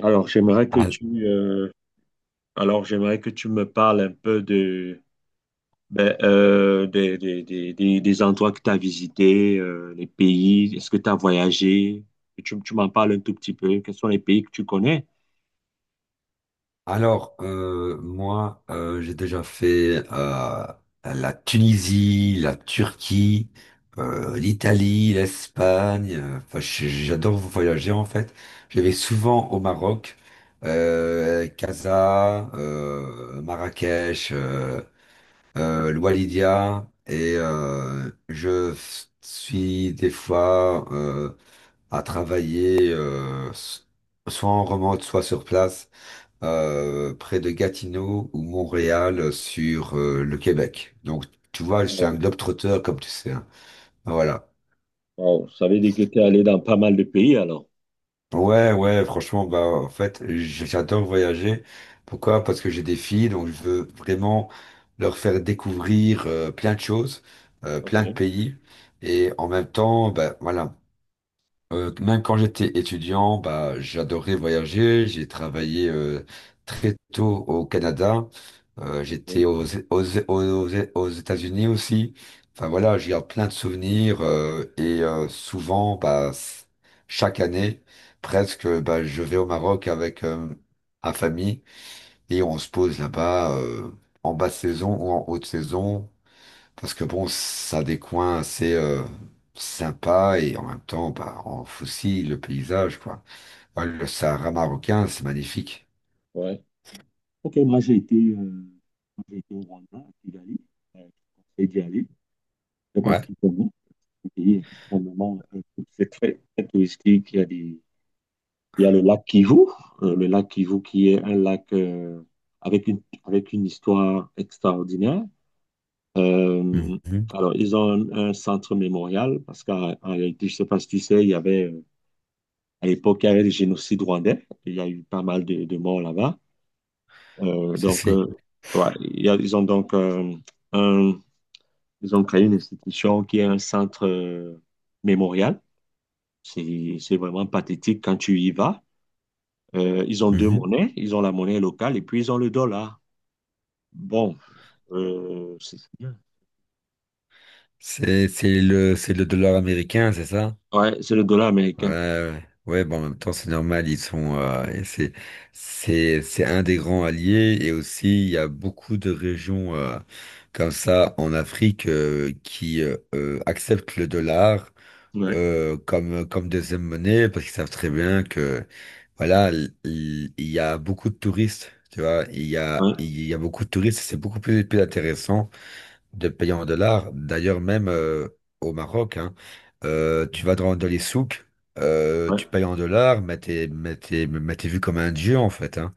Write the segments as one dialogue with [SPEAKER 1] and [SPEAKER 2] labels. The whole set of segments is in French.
[SPEAKER 1] Alors, j'aimerais que
[SPEAKER 2] Al-
[SPEAKER 1] tu, j'aimerais que tu me parles un peu de, ben, des endroits que tu as visités, les pays, est-ce que tu as voyagé? Et tu m'en parles un tout petit peu. Quels sont les pays que tu connais?
[SPEAKER 2] Moi, j'ai déjà fait la Tunisie, la Turquie, l'Italie, l'Espagne. Enfin, j'adore voyager en fait. Je vais souvent au Maroc, Casa, Marrakech, Loualidia, et suis des fois à travailler soit en remote, soit sur place, près de Gatineau ou Montréal, sur le Québec. Donc, tu vois, je suis un
[SPEAKER 1] Wow.
[SPEAKER 2] globe-trotteur, comme tu sais, hein. Voilà.
[SPEAKER 1] Wow. Ça veut dire que tu es allé dans pas mal de pays alors.
[SPEAKER 2] Ouais, ouais, franchement, bah, en fait, j'adore voyager. Pourquoi? Parce que j'ai des filles, donc je veux vraiment leur faire découvrir plein de choses,
[SPEAKER 1] Ok,
[SPEAKER 2] plein de pays. Et en même temps, bah, voilà. Même quand j'étais étudiant, bah, j'adorais voyager. J'ai travaillé très tôt au Canada.
[SPEAKER 1] ok,
[SPEAKER 2] J'étais aux, aux, aux États-Unis aussi. Enfin voilà, j'ai plein de souvenirs et souvent, bah, chaque année, presque, bah, je vais au Maroc avec ma famille et on se pose là-bas en basse saison ou en haute saison. Parce que bon, ça a des coins assez sympas, et en même temps, bah, on fossile le paysage, quoi. Ouais, le Sahara marocain, c'est magnifique.
[SPEAKER 1] ouais. Ok, moi, j'ai été au Rwanda, à Kigali. Je te conseille d'y aller. Je sais pas si
[SPEAKER 2] Ouais.
[SPEAKER 1] tu connais. C'est un pays extrêmement, c'est très, très touristique. Il y a des Il y a le lac Kivu qui est un lac avec avec une histoire extraordinaire. Euh,
[SPEAKER 2] Mhm.
[SPEAKER 1] alors, ils ont un centre mémorial parce qu'en en réalité, je ne sais pas si tu sais, il y avait, à l'époque, il y avait le génocide rwandais. Il y a eu pas mal de morts là-bas. Euh,
[SPEAKER 2] Si,
[SPEAKER 1] donc,
[SPEAKER 2] si.
[SPEAKER 1] euh, Ils ont donc un- ils ont créé une institution qui est un centre mémorial. C'est vraiment pathétique quand tu y vas. Ils ont deux
[SPEAKER 2] Mhm.
[SPEAKER 1] monnaies, ils ont la monnaie locale et puis ils ont le dollar. Bon, c'est
[SPEAKER 2] C'est le dollar américain, c'est ça?
[SPEAKER 1] ouais, c'est le dollar
[SPEAKER 2] Ouais,
[SPEAKER 1] américain.
[SPEAKER 2] ouais. Ouais, bon, en même temps, c'est normal, ils sont, et c'est un des grands alliés, et aussi, il y a beaucoup de régions, comme ça en Afrique, qui acceptent le dollar
[SPEAKER 1] Ouais,
[SPEAKER 2] comme, deuxième monnaie, parce qu'ils savent très bien que voilà, il y a beaucoup de touristes, tu vois,
[SPEAKER 1] ouais,
[SPEAKER 2] il y a beaucoup de touristes, c'est beaucoup plus intéressant de payer en dollars. D'ailleurs, même au Maroc, hein, tu vas dans les souks,
[SPEAKER 1] ouais.
[SPEAKER 2] tu payes en dollars, mais t'es vu comme un dieu en fait, hein.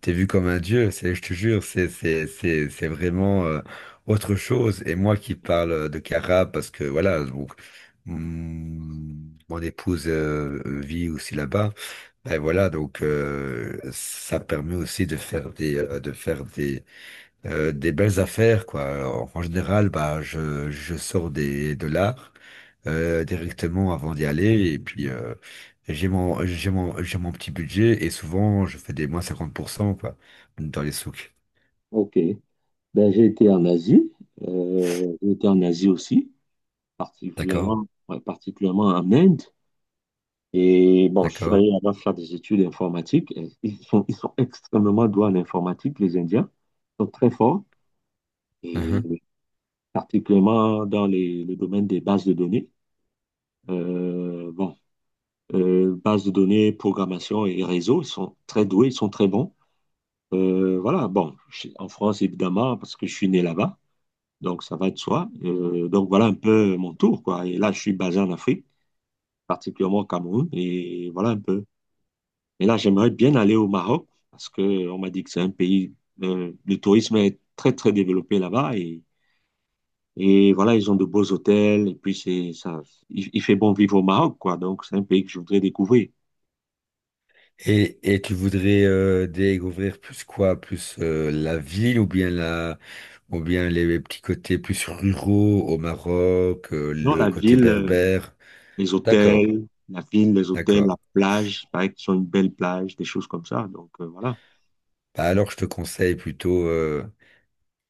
[SPEAKER 2] T'es vu comme un dieu, c'est, je te jure, c'est vraiment autre chose. Et moi qui parle de Cara, parce que voilà. Donc, mon épouse vit aussi là-bas. Ben voilà, donc ça permet aussi des belles affaires, quoi. En général, bah, je sors de l'art directement avant d'y aller. Et puis, j'ai mon petit budget. Et souvent, je fais des moins 50%, quoi, dans les souks.
[SPEAKER 1] Ok. Ben, j'ai été en Asie, euh, j'ai été en Asie aussi,
[SPEAKER 2] D'accord,
[SPEAKER 1] particulièrement, particulièrement en Inde. Et bon, je suis
[SPEAKER 2] d'accord.
[SPEAKER 1] allé là-bas faire des études informatiques. Et ils sont extrêmement doués en informatique, les Indiens. Ils sont très forts, et
[SPEAKER 2] Mhm.
[SPEAKER 1] particulièrement dans le domaine des bases de données. Bon, base de données, programmation et réseau. Ils sont très doués, ils sont très bons. En France, évidemment, parce que je suis né là-bas, donc ça va de soi. Donc voilà un peu mon tour, quoi. Et là, je suis basé en Afrique, particulièrement au Cameroun, et voilà un peu. Et là, j'aimerais bien aller au Maroc, parce que on m'a dit que c'est un pays, le tourisme est très, très développé là-bas, et voilà, ils ont de beaux hôtels, et puis c'est ça, il fait bon vivre au Maroc, quoi. Donc c'est un pays que je voudrais découvrir.
[SPEAKER 2] Et tu voudrais découvrir plus quoi? Plus la ville, ou bien les petits côtés plus ruraux au Maroc,
[SPEAKER 1] Dans
[SPEAKER 2] le
[SPEAKER 1] la
[SPEAKER 2] côté
[SPEAKER 1] ville,
[SPEAKER 2] berbère. D'accord,
[SPEAKER 1] les hôtels,
[SPEAKER 2] d'accord.
[SPEAKER 1] la plage, il paraît qu'ils ont une belle plage, des choses comme ça. Donc voilà.
[SPEAKER 2] Bah alors, je te conseille plutôt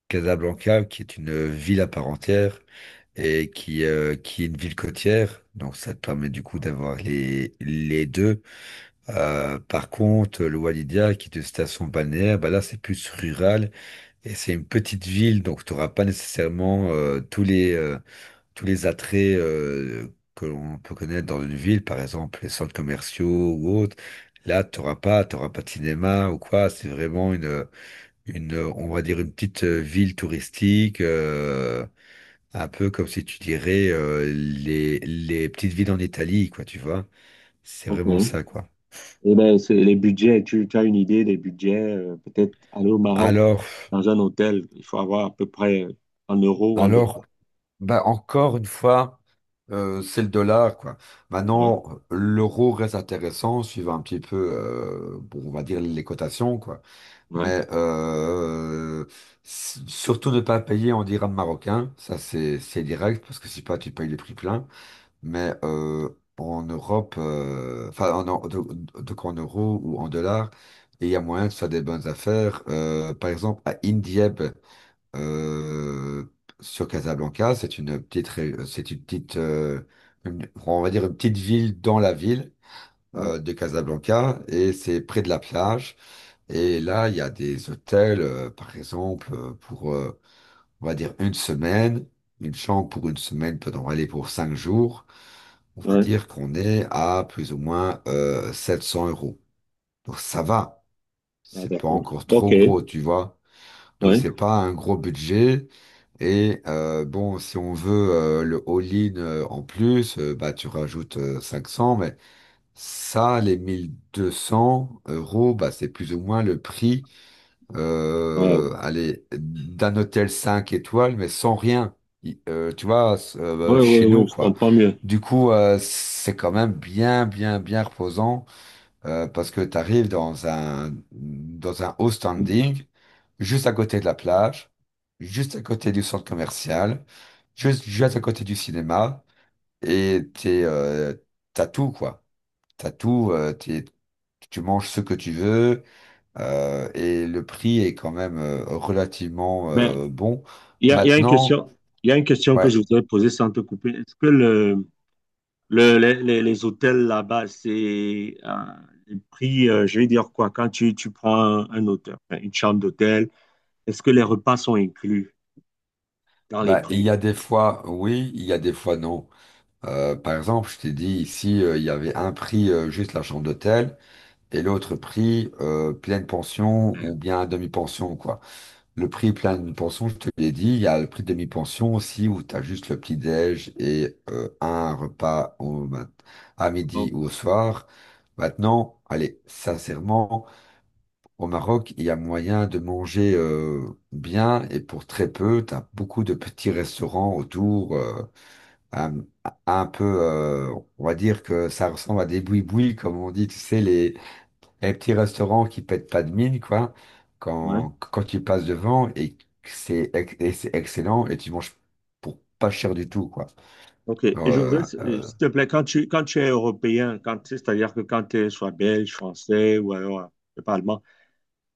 [SPEAKER 2] Casablanca, qui est une ville à part entière et qui est une ville côtière. Donc, ça te permet du coup d'avoir les deux. Par contre, le Walidia, qui est une station balnéaire, bah là, c'est plus rural et c'est une petite ville. Donc, tu n'auras pas nécessairement tous les attraits que l'on peut connaître dans une ville, par exemple les centres commerciaux ou autres. Là, tu n'auras pas, t'auras pas de cinéma ou quoi. C'est vraiment on va dire une petite ville touristique, un peu comme si tu dirais les petites villes en Italie, quoi, tu vois. C'est
[SPEAKER 1] Ok.
[SPEAKER 2] vraiment ça, quoi.
[SPEAKER 1] Et ben c'est les budgets, tu as une idée des budgets, peut-être aller au Maroc
[SPEAKER 2] Alors,
[SPEAKER 1] dans un hôtel, il faut avoir à peu près en euros ou en
[SPEAKER 2] alors,
[SPEAKER 1] dollars.
[SPEAKER 2] bah encore une fois, c'est le dollar, quoi.
[SPEAKER 1] Ouais,
[SPEAKER 2] Maintenant, l'euro reste intéressant, suivant un petit peu, bon, on va dire les cotations, quoi.
[SPEAKER 1] ouais,
[SPEAKER 2] Mais surtout ne pas payer en dirham marocain, ça c'est direct, parce que si pas, tu payes les prix pleins. Mais en Europe, enfin donc en euros ou en dollars, et il y a moyen de faire des bonnes affaires. Par exemple, à Indieb, euh, sur Casablanca, c'est une petite, on va dire une petite ville dans la ville
[SPEAKER 1] ouais,
[SPEAKER 2] de Casablanca, et c'est près de la plage. Et là, il y a des hôtels, par exemple, pour, on va dire, une semaine, une chambre pour une semaine peut en aller pour 5 jours. On va
[SPEAKER 1] ouais.
[SPEAKER 2] dire qu'on est à plus ou moins 700 euros. Donc ça va,
[SPEAKER 1] Ah,
[SPEAKER 2] c'est pas
[SPEAKER 1] d'accord.
[SPEAKER 2] encore
[SPEAKER 1] Ok,
[SPEAKER 2] trop
[SPEAKER 1] ouais.
[SPEAKER 2] gros, tu vois. Donc
[SPEAKER 1] Ouais,
[SPEAKER 2] c'est pas un gros budget. Et bon, si on veut le all-in en plus, bah tu rajoutes 500, mais ça, les 1200 euros, bah c'est plus ou moins le prix,
[SPEAKER 1] ouais,
[SPEAKER 2] allez, d'un hôtel 5 étoiles, mais sans rien. Tu vois, chez
[SPEAKER 1] ouais,
[SPEAKER 2] nous,
[SPEAKER 1] je
[SPEAKER 2] quoi.
[SPEAKER 1] comprends mieux.
[SPEAKER 2] Du coup, c'est quand même bien, bien, bien reposant, parce que tu arrives dans un haut standing, juste à côté de la plage, juste à côté du centre commercial, juste à côté du cinéma, et t'as tout, quoi. T'as tout, tu manges ce que tu veux, et le prix est quand même relativement
[SPEAKER 1] Ben,
[SPEAKER 2] bon.
[SPEAKER 1] il y a une
[SPEAKER 2] Maintenant,
[SPEAKER 1] question, il y a une question que
[SPEAKER 2] ouais,
[SPEAKER 1] je voudrais poser sans te couper. Est-ce que le- les- Les hôtels là-bas, c'est les prix, je vais dire quoi, quand tu prends un hôtel, enfin, une chambre d'hôtel, est-ce que les repas sont inclus dans les
[SPEAKER 2] bah, il
[SPEAKER 1] prix?
[SPEAKER 2] y a des fois oui, il y a des fois non. Par exemple, je t'ai dit ici, il y avait un prix juste la chambre d'hôtel et l'autre prix pleine pension,
[SPEAKER 1] Ouais.
[SPEAKER 2] ou bien demi-pension, quoi. Le prix pleine pension, je te l'ai dit, il y a le prix demi-pension aussi, où tu as juste le petit-déj et un repas à midi
[SPEAKER 1] Oh,
[SPEAKER 2] ou au soir. Maintenant, allez, sincèrement. Au Maroc, il y a moyen de manger bien et pour très peu. Tu as beaucoup de petits restaurants autour, un, un peu, on va dire que ça ressemble à des boui-boui, comme on dit, tu sais, les petits restaurants qui pètent pas de mine, quoi,
[SPEAKER 1] ouais.
[SPEAKER 2] quand tu passes devant et c'est excellent, et tu manges pour pas cher du tout, quoi.
[SPEAKER 1] OK. Et je
[SPEAKER 2] Euh,
[SPEAKER 1] voudrais,
[SPEAKER 2] euh,
[SPEAKER 1] s'il te plaît, quand tu es européen, quand, tu sais, c'est-à-dire que quand tu es soit belge, français ou alors, je sais pas, allemand,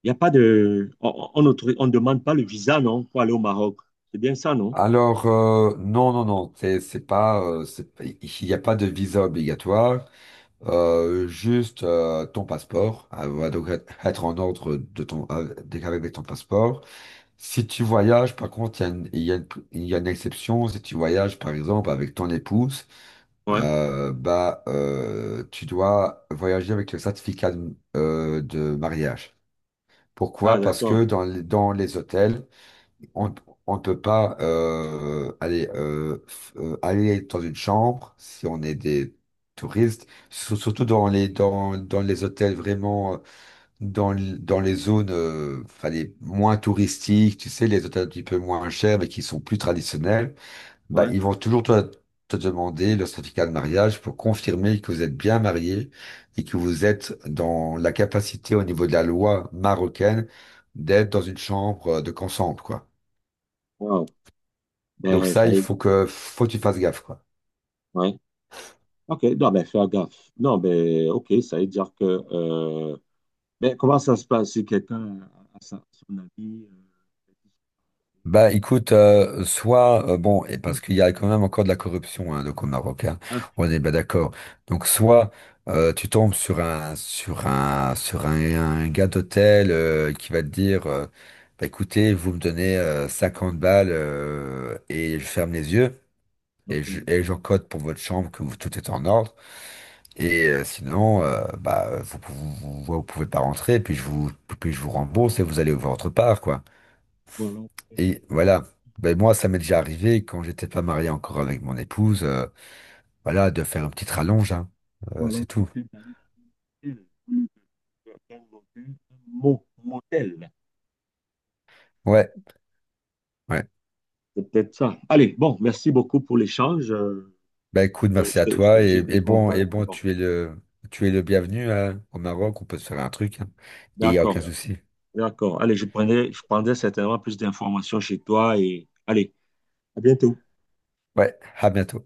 [SPEAKER 1] il n'y a pas de. On n'autorise- on ne demande pas le visa, non, pour aller au Maroc. C'est bien ça, non?
[SPEAKER 2] alors, non, non, non, c'est pas, c'est- il n'y a pas de visa obligatoire. Juste ton passeport, va donc être en ordre, de ton, dès qu'avec ton passeport. Si tu voyages, par contre, il y a une exception. Si tu voyages, par exemple, avec ton épouse,
[SPEAKER 1] Ouais.
[SPEAKER 2] bah, tu dois voyager avec le certificat de mariage.
[SPEAKER 1] Ah,
[SPEAKER 2] Pourquoi? Parce
[SPEAKER 1] d'accord.
[SPEAKER 2] que dans les hôtels, on on peut pas aller dans une chambre si on est des touristes, surtout dans les hôtels vraiment, dans les zones, enfin, les moins touristiques, tu sais, les hôtels un petit peu moins chers mais qui sont plus traditionnels, bah,
[SPEAKER 1] Ouais.
[SPEAKER 2] ils vont toujours te demander le certificat de mariage pour confirmer que vous êtes bien marié et que vous êtes dans la capacité, au niveau de la loi marocaine, d'être dans une chambre, de ensemble, quoi.
[SPEAKER 1] Wow.
[SPEAKER 2] Donc
[SPEAKER 1] Ben,
[SPEAKER 2] ça,
[SPEAKER 1] ça veut dire-
[SPEAKER 2] faut que tu fasses gaffe, quoi.
[SPEAKER 1] ouais. OK, non, mais fais gaffe. Non, mais OK, ça veut dire que mais comment ça se passe si quelqu'un a, son avis
[SPEAKER 2] Bah écoute, soit, bon, et
[SPEAKER 1] euh,
[SPEAKER 2] parce qu'il y a quand même encore de la corruption, hein, donc au Maroc, hein,
[SPEAKER 1] Ah,
[SPEAKER 2] on est bien d'accord. Donc soit tu tombes sur un gars d'hôtel qui va te dire, bah, écoutez, vous me donnez 50 balles, et je ferme les yeux et
[SPEAKER 1] OK.
[SPEAKER 2] et j'encode pour votre chambre que vous, tout est en ordre. Et sinon, bah vous pouvez pas rentrer, puis je vous rembourse et vous allez voir votre part, quoi.
[SPEAKER 1] Ou alors,
[SPEAKER 2] Et voilà. Ben moi, ça m'est déjà arrivé quand j'étais pas marié encore avec mon épouse, voilà, de faire une petite rallonge, hein.
[SPEAKER 1] ou alors
[SPEAKER 2] C'est tout.
[SPEAKER 1] c'était d'aller dans une ville, un motel, un mo- motel.
[SPEAKER 2] Ouais, ouais.
[SPEAKER 1] C'est peut-être ça. Allez, bon, merci beaucoup pour l'échange.
[SPEAKER 2] Ben écoute, merci à toi.
[SPEAKER 1] J'ai
[SPEAKER 2] Et, et
[SPEAKER 1] été
[SPEAKER 2] bon,
[SPEAKER 1] content et
[SPEAKER 2] et
[SPEAKER 1] puis
[SPEAKER 2] bon,
[SPEAKER 1] bon.
[SPEAKER 2] tu es le bienvenu, hein, au Maroc. On peut se faire un truc, hein. Et il n'y a
[SPEAKER 1] D'accord,
[SPEAKER 2] aucun souci.
[SPEAKER 1] d'accord. Allez, je prendrai certainement plus d'informations chez toi et allez, à bientôt.
[SPEAKER 2] Ouais, à bientôt.